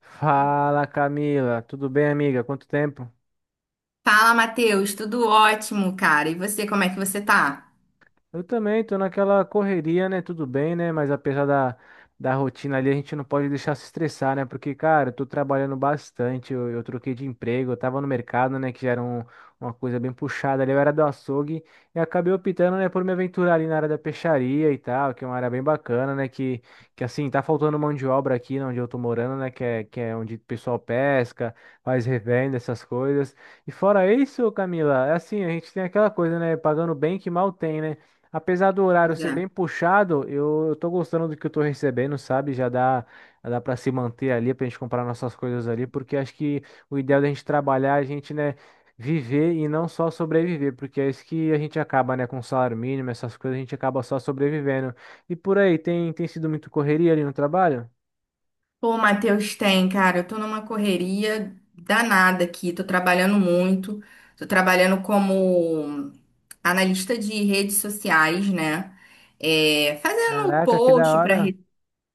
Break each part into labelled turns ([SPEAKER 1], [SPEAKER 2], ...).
[SPEAKER 1] Fala Camila, tudo bem amiga? Quanto tempo?
[SPEAKER 2] Fala, Matheus, tudo ótimo, cara. E você, como é que você tá?
[SPEAKER 1] Eu também tô naquela correria, né? Tudo bem, né? Mas apesar da rotina ali, a gente não pode deixar se estressar, né? Porque, cara, eu tô trabalhando bastante, eu troquei de emprego, eu tava no mercado, né? Que já era uma coisa bem puxada ali, eu era do açougue e acabei optando, né, por me aventurar ali na área da peixaria e tal, que é uma área bem bacana, né? Que assim, tá faltando mão de obra aqui, né, onde eu tô morando, né? Que é onde o pessoal pesca, faz revenda, essas coisas. E fora isso, Camila, é assim, a gente tem aquela coisa, né? Pagando bem que mal tem, né? Apesar do horário
[SPEAKER 2] Pois
[SPEAKER 1] ser
[SPEAKER 2] é.
[SPEAKER 1] bem puxado, eu tô gostando do que eu tô recebendo, sabe? Já dá para se manter ali, pra gente comprar nossas coisas ali, porque acho que o ideal da gente trabalhar, é a gente, né, viver e não só sobreviver, porque é isso que a gente acaba, né, com salário mínimo, essas coisas, a gente acaba só sobrevivendo. E por aí, tem sido muito correria ali no trabalho?
[SPEAKER 2] Pô, Matheus, tem, cara, eu tô numa correria danada aqui, tô trabalhando muito, tô trabalhando como analista de redes sociais, né? É, fazendo
[SPEAKER 1] Caraca, que da
[SPEAKER 2] post para
[SPEAKER 1] hora.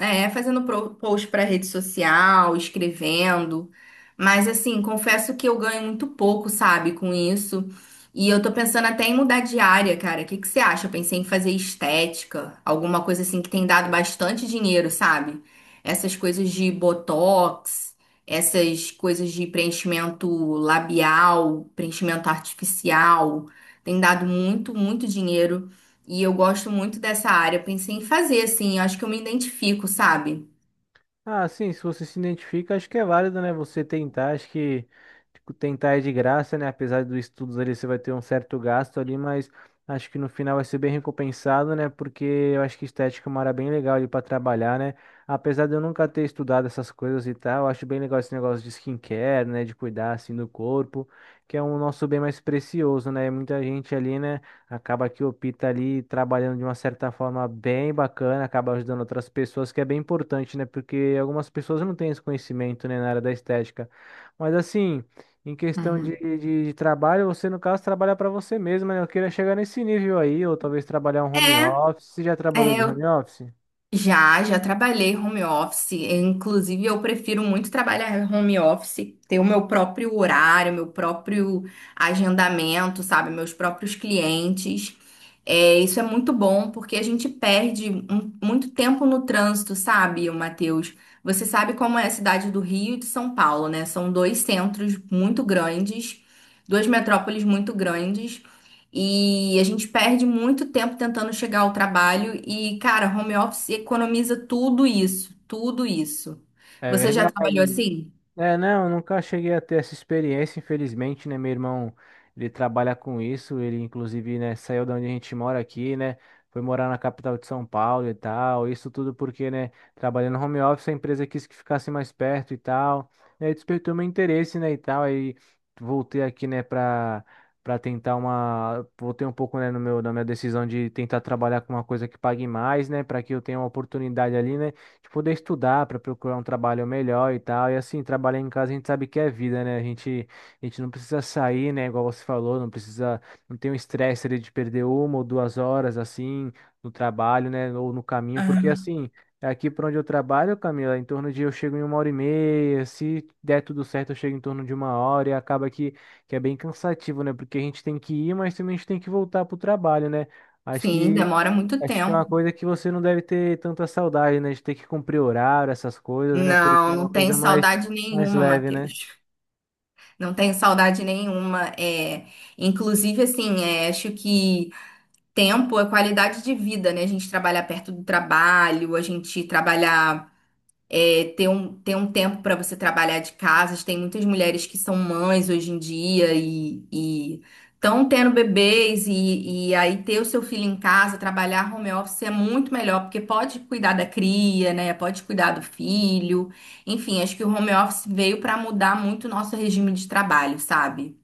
[SPEAKER 2] É, fazendo post para rede social, escrevendo. Mas assim, confesso que eu ganho muito pouco, sabe, com isso. E eu tô pensando até em mudar de área, cara. O que que você acha? Eu pensei em fazer estética, alguma coisa assim que tem dado bastante dinheiro, sabe? Essas coisas de botox, essas coisas de preenchimento labial, preenchimento artificial, tem dado muito, muito dinheiro. E eu gosto muito dessa área. Eu pensei em fazer, assim, eu acho que eu me identifico, sabe?
[SPEAKER 1] Ah, sim, se você se identifica, acho que é válido, né? Você tentar, acho que tipo, tentar é de graça, né? Apesar dos estudos ali, você vai ter um certo gasto ali, mas acho que no final vai ser bem recompensado, né? Porque eu acho que estética é uma área bem legal ali para trabalhar, né? Apesar de eu nunca ter estudado essas coisas e tal, eu acho bem legal esse negócio de skincare, né? De cuidar assim do corpo, que é um nosso bem mais precioso, né? Muita gente ali, né? Acaba que o Pita ali trabalhando de uma certa forma bem bacana, acaba ajudando outras pessoas, que é bem importante, né? Porque algumas pessoas não têm esse conhecimento, né, na área da estética. Mas assim, em questão
[SPEAKER 2] Uhum.
[SPEAKER 1] de trabalho, você no caso trabalha para você mesmo, né? Eu queria chegar nesse nível aí, ou talvez trabalhar um home
[SPEAKER 2] É,
[SPEAKER 1] office. Você já trabalhou de
[SPEAKER 2] eu
[SPEAKER 1] home office?
[SPEAKER 2] já trabalhei home office. Inclusive, eu prefiro muito trabalhar home office, ter o meu próprio horário, meu próprio agendamento, sabe? Meus próprios clientes. É, isso é muito bom porque a gente perde muito tempo no trânsito, sabe, Matheus? Você sabe como é a cidade do Rio e de São Paulo, né? São dois centros muito grandes, duas metrópoles muito grandes, e a gente perde muito tempo tentando chegar ao trabalho. E, cara, home office economiza tudo isso, tudo isso.
[SPEAKER 1] É
[SPEAKER 2] Você já trabalhou
[SPEAKER 1] verdade.
[SPEAKER 2] assim?
[SPEAKER 1] É, não, eu nunca cheguei a ter essa experiência, infelizmente, né? Meu irmão, ele trabalha com isso, ele inclusive, né, saiu da onde a gente mora aqui, né? Foi morar na capital de São Paulo e tal. Isso tudo porque, né, trabalhando home office, a empresa quis que ficasse mais perto e tal. E aí despertou meu interesse, né, e tal. Aí voltei aqui, né, pra tentar uma. Voltei um pouco, né, no meu, na minha decisão de tentar trabalhar com uma coisa que pague mais, né, pra que eu tenha uma oportunidade ali, né? De poder estudar para procurar um trabalho melhor e tal. E assim, trabalhar em casa a gente sabe que é vida, né? A gente não precisa sair, né? Igual você falou, não precisa, não tem o estresse ali de perder uma ou duas horas assim no trabalho, né? Ou no caminho, porque
[SPEAKER 2] Ah,
[SPEAKER 1] assim. Aqui para onde eu trabalho, Camila, em torno de eu chego em uma hora e meia. Se der tudo certo, eu chego em torno de uma hora e acaba que é bem cansativo, né? Porque a gente tem que ir, mas também a gente tem que voltar pro trabalho, né? Acho
[SPEAKER 2] sim,
[SPEAKER 1] que
[SPEAKER 2] demora muito
[SPEAKER 1] Acho que é
[SPEAKER 2] tempo.
[SPEAKER 1] uma coisa que você não deve ter tanta saudade, né? De ter que cumprir horário, essas coisas, né? Porque
[SPEAKER 2] Não,
[SPEAKER 1] é uma
[SPEAKER 2] não tenho
[SPEAKER 1] coisa mais,
[SPEAKER 2] saudade
[SPEAKER 1] mais
[SPEAKER 2] nenhuma,
[SPEAKER 1] leve, né?
[SPEAKER 2] Matheus. Não tenho saudade nenhuma. É, inclusive, assim, é, acho que tempo é qualidade de vida, né? A gente trabalhar perto do trabalho, a gente trabalhar, é, ter ter um tempo para você trabalhar de casa. Tem muitas mulheres que são mães hoje em dia e estão tendo bebês, e aí ter o seu filho em casa, trabalhar home office é muito melhor, porque pode cuidar da cria, né? Pode cuidar do filho. Enfim, acho que o home office veio para mudar muito o nosso regime de trabalho, sabe?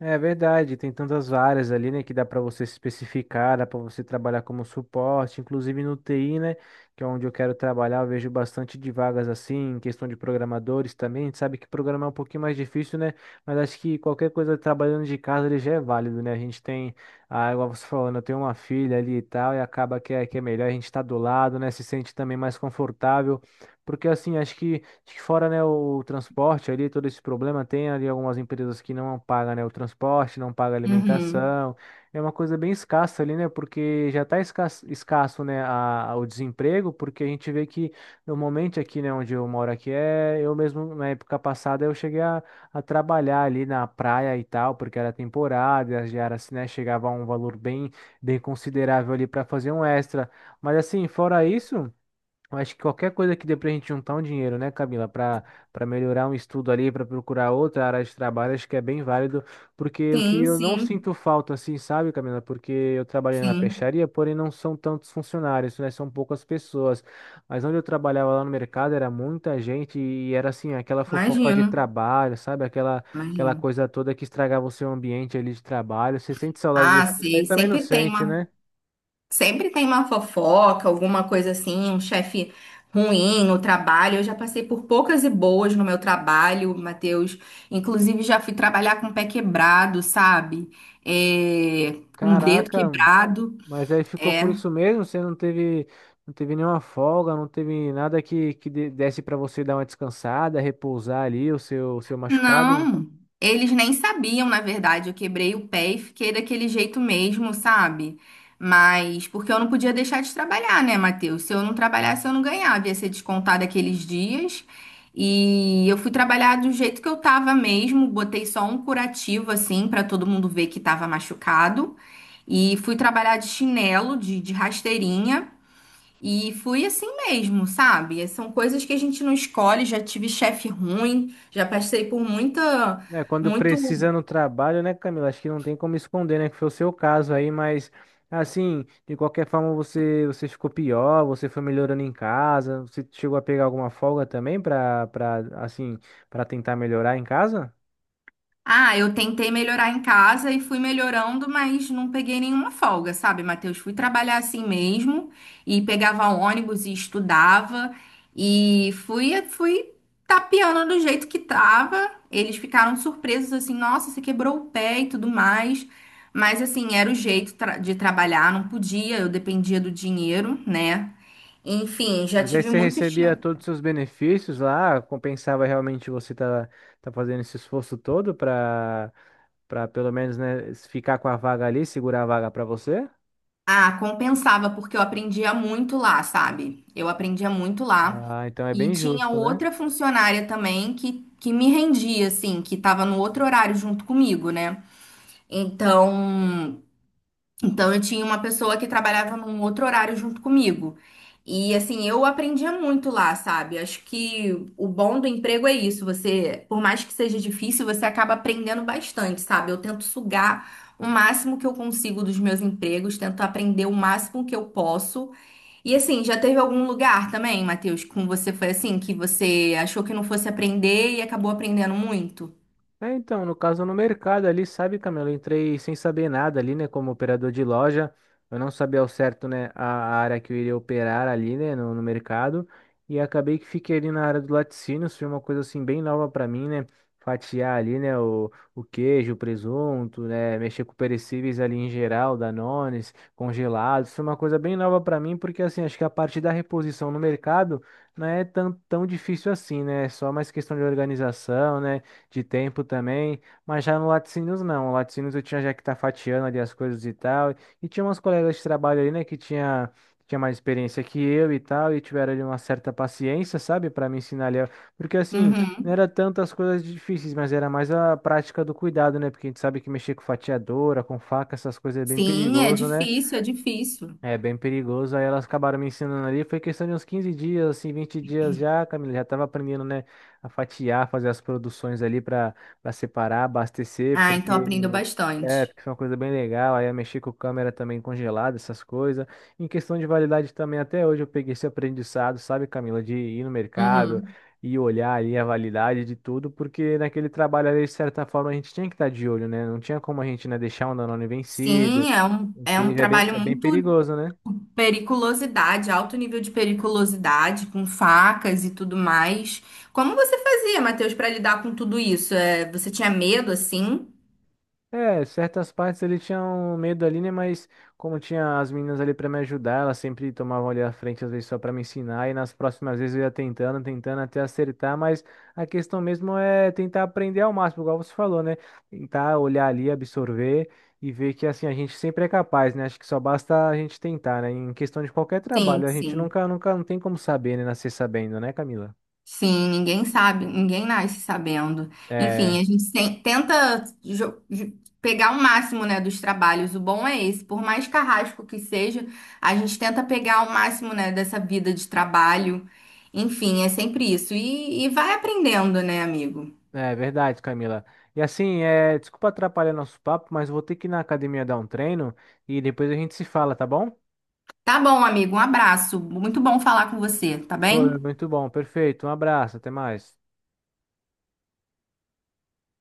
[SPEAKER 1] É verdade, tem tantas áreas ali, né, que dá para você se especificar, dá para você trabalhar como suporte, inclusive no TI, né, que é onde eu quero trabalhar, eu vejo bastante de vagas assim, em questão de programadores também, a gente sabe que programar é um pouquinho mais difícil, né, mas acho que qualquer coisa trabalhando de casa ele já é válido, né, a gente tem, igual você falando, eu tenho uma filha ali e tal, e acaba que é, melhor a gente estar do lado, né, se sente também mais confortável, porque assim, acho que fora, né, o transporte ali, todo esse problema, tem ali algumas empresas que não pagam, né, o transporte, não pagam
[SPEAKER 2] Uhum.
[SPEAKER 1] alimentação. É uma coisa bem escassa ali, né, porque já está escasso, escasso, né, o desemprego, porque a gente vê que normalmente aqui, né, onde eu moro aqui, é, eu mesmo, na época passada, eu cheguei a trabalhar ali na praia e tal, porque era temporada, e as diárias, né, chegava a um valor bem, bem considerável ali para fazer um extra. Mas assim, fora isso. Eu acho que qualquer coisa que dê pra gente juntar um dinheiro, né, Camila, para melhorar um estudo ali, para procurar outra área de trabalho, acho que é bem válido, porque o que
[SPEAKER 2] Sim,
[SPEAKER 1] eu não
[SPEAKER 2] sim,
[SPEAKER 1] sinto falta, assim, sabe, Camila, porque eu trabalhei na
[SPEAKER 2] sim.
[SPEAKER 1] peixaria, porém não são tantos funcionários, né, são poucas pessoas, mas onde eu trabalhava lá no mercado era muita gente e era, assim, aquela fofoca de
[SPEAKER 2] Imagino,
[SPEAKER 1] trabalho, sabe, aquela,
[SPEAKER 2] imagino.
[SPEAKER 1] coisa toda que estragava o seu ambiente ali de trabalho, você sente saudade
[SPEAKER 2] Ah,
[SPEAKER 1] desse, disso aí
[SPEAKER 2] sei,
[SPEAKER 1] também não
[SPEAKER 2] sempre tem
[SPEAKER 1] sente,
[SPEAKER 2] uma,
[SPEAKER 1] né?
[SPEAKER 2] sempre tem uma fofoca, alguma coisa assim, um chefe ruim no trabalho. Eu já passei por poucas e boas no meu trabalho, Matheus. Inclusive, já fui trabalhar com o pé quebrado, sabe? É, com o dedo
[SPEAKER 1] Caraca,
[SPEAKER 2] quebrado.
[SPEAKER 1] mas aí ficou
[SPEAKER 2] É.
[SPEAKER 1] por isso mesmo, você não teve, não teve nenhuma folga, não teve nada que desse para você dar uma descansada, repousar ali o seu machucado.
[SPEAKER 2] Não, eles nem sabiam, na verdade. Eu quebrei o pé e fiquei daquele jeito mesmo, sabe? Mas porque eu não podia deixar de trabalhar, né, Matheus? Se eu não trabalhasse, eu não ganhava, ia ser descontado aqueles dias. E eu fui trabalhar do jeito que eu tava mesmo, botei só um curativo assim pra todo mundo ver que tava machucado. E fui trabalhar de chinelo, de rasteirinha. E fui assim mesmo, sabe? São coisas que a gente não escolhe. Já tive chefe ruim, já passei por muita,
[SPEAKER 1] Né, quando
[SPEAKER 2] muito
[SPEAKER 1] precisa no trabalho, né, Camila? Acho que não tem como esconder, né? Que foi o seu caso aí, mas assim, de qualquer forma você ficou pior, você foi melhorando em casa, você chegou a pegar alguma folga também para assim, para tentar melhorar em casa?
[SPEAKER 2] Ah, eu tentei melhorar em casa e fui melhorando, mas não peguei nenhuma folga, sabe, Matheus? Fui trabalhar assim mesmo e pegava ônibus e estudava e fui tapeando do jeito que tava. Eles ficaram surpresos assim, nossa, você quebrou o pé e tudo mais. Mas assim, era o jeito de trabalhar, não podia, eu dependia do dinheiro, né? Enfim, já
[SPEAKER 1] Mas aí
[SPEAKER 2] tive
[SPEAKER 1] você
[SPEAKER 2] muitos.
[SPEAKER 1] recebia todos os seus benefícios lá, compensava realmente você tá fazendo esse esforço todo para pelo menos, né, ficar com a vaga ali, segurar a vaga para você?
[SPEAKER 2] Ah, compensava, porque eu aprendia muito lá, sabe? Eu aprendia muito lá.
[SPEAKER 1] Ah, então é
[SPEAKER 2] E
[SPEAKER 1] bem
[SPEAKER 2] tinha
[SPEAKER 1] justo, né?
[SPEAKER 2] outra funcionária também que me rendia, assim, que tava no outro horário junto comigo, né? Então, então, eu tinha uma pessoa que trabalhava num outro horário junto comigo. E assim, eu aprendia muito lá, sabe? Acho que o bom do emprego é isso. Você, por mais que seja difícil, você acaba aprendendo bastante, sabe? Eu tento sugar o máximo que eu consigo dos meus empregos, tento aprender o máximo que eu posso. E assim, já teve algum lugar também, Matheus, com você foi assim, que você achou que não fosse aprender e acabou aprendendo muito?
[SPEAKER 1] É, então, no caso, no mercado ali, sabe, Camilo, eu entrei sem saber nada ali, né, como operador de loja, eu não sabia ao certo, né, a área que eu iria operar ali, né, no mercado, e acabei que fiquei ali na área do laticínios, foi uma coisa, assim, bem nova para mim, né, fatiar ali, né, o queijo, o presunto, né, mexer com perecíveis ali em geral, danones, congelados, foi uma coisa bem nova para mim, porque, assim, acho que a parte da reposição no mercado não é tão, tão difícil assim, né, é só mais questão de organização, né, de tempo também, mas já no Laticínios não. O Laticínios eu tinha já que tá fatiando ali as coisas e tal, e tinha umas colegas de trabalho ali, né, que tinha mais experiência que eu e tal, e tiveram ali uma certa paciência, sabe, para me ensinar ali, porque assim, não
[SPEAKER 2] Uhum.
[SPEAKER 1] era tantas coisas difíceis, mas era mais a prática do cuidado, né, porque a gente sabe que mexer com fatiadora, com faca, essas coisas é bem
[SPEAKER 2] Sim, é
[SPEAKER 1] perigoso, né?
[SPEAKER 2] difícil, é difícil.
[SPEAKER 1] É bem perigoso. Aí elas acabaram me ensinando ali. Foi questão de uns 15 dias, assim, 20 dias já, Camila. Já tava aprendendo, né, a fatiar, fazer as produções ali para separar, abastecer,
[SPEAKER 2] Ah, então aprendeu bastante.
[SPEAKER 1] porque foi uma coisa bem legal. Aí eu mexi com câmera também congelada, essas coisas. Em questão de validade também, até hoje eu peguei esse aprendizado, sabe, Camila, de ir no mercado
[SPEAKER 2] Uhum.
[SPEAKER 1] e olhar ali a validade de tudo, porque naquele trabalho ali, de certa forma, a gente tinha que estar de olho, né? Não tinha como a gente, né, deixar um Danone vencido,
[SPEAKER 2] Sim, é
[SPEAKER 1] porque
[SPEAKER 2] é
[SPEAKER 1] ele
[SPEAKER 2] um
[SPEAKER 1] já
[SPEAKER 2] trabalho
[SPEAKER 1] é bem
[SPEAKER 2] muito
[SPEAKER 1] perigoso, né?
[SPEAKER 2] periculosidade, alto nível de periculosidade, com facas e tudo mais. Como você fazia, Matheus, para lidar com tudo isso? É, você tinha medo assim?
[SPEAKER 1] É, certas partes ele tinha um medo ali, né? Mas como tinha as meninas ali pra me ajudar, elas sempre tomavam ali a frente, às vezes só pra me ensinar, e nas próximas vezes eu ia tentando, tentando até acertar, mas a questão mesmo é tentar aprender ao máximo, igual você falou, né? Tentar olhar ali, absorver e ver que assim a gente sempre é capaz, né? Acho que só basta a gente tentar, né? Em questão de qualquer
[SPEAKER 2] Sim,
[SPEAKER 1] trabalho, a gente
[SPEAKER 2] sim.
[SPEAKER 1] nunca, nunca não tem como saber, né? Nascer sabendo, né, Camila?
[SPEAKER 2] Sim, ninguém sabe, ninguém nasce sabendo.
[SPEAKER 1] É.
[SPEAKER 2] Enfim, a gente pegar o máximo, né, dos trabalhos. O bom é esse, por mais carrasco que seja, a gente tenta pegar o máximo, né, dessa vida de trabalho. Enfim, é sempre isso. E vai aprendendo, né, amigo?
[SPEAKER 1] É verdade, Camila. E assim, desculpa atrapalhar nosso papo, mas vou ter que ir na academia dar um treino e depois a gente se fala, tá bom?
[SPEAKER 2] Tá bom, amigo, um abraço. Muito bom falar com você, tá
[SPEAKER 1] Foi
[SPEAKER 2] bem?
[SPEAKER 1] muito bom, perfeito. Um abraço, até mais.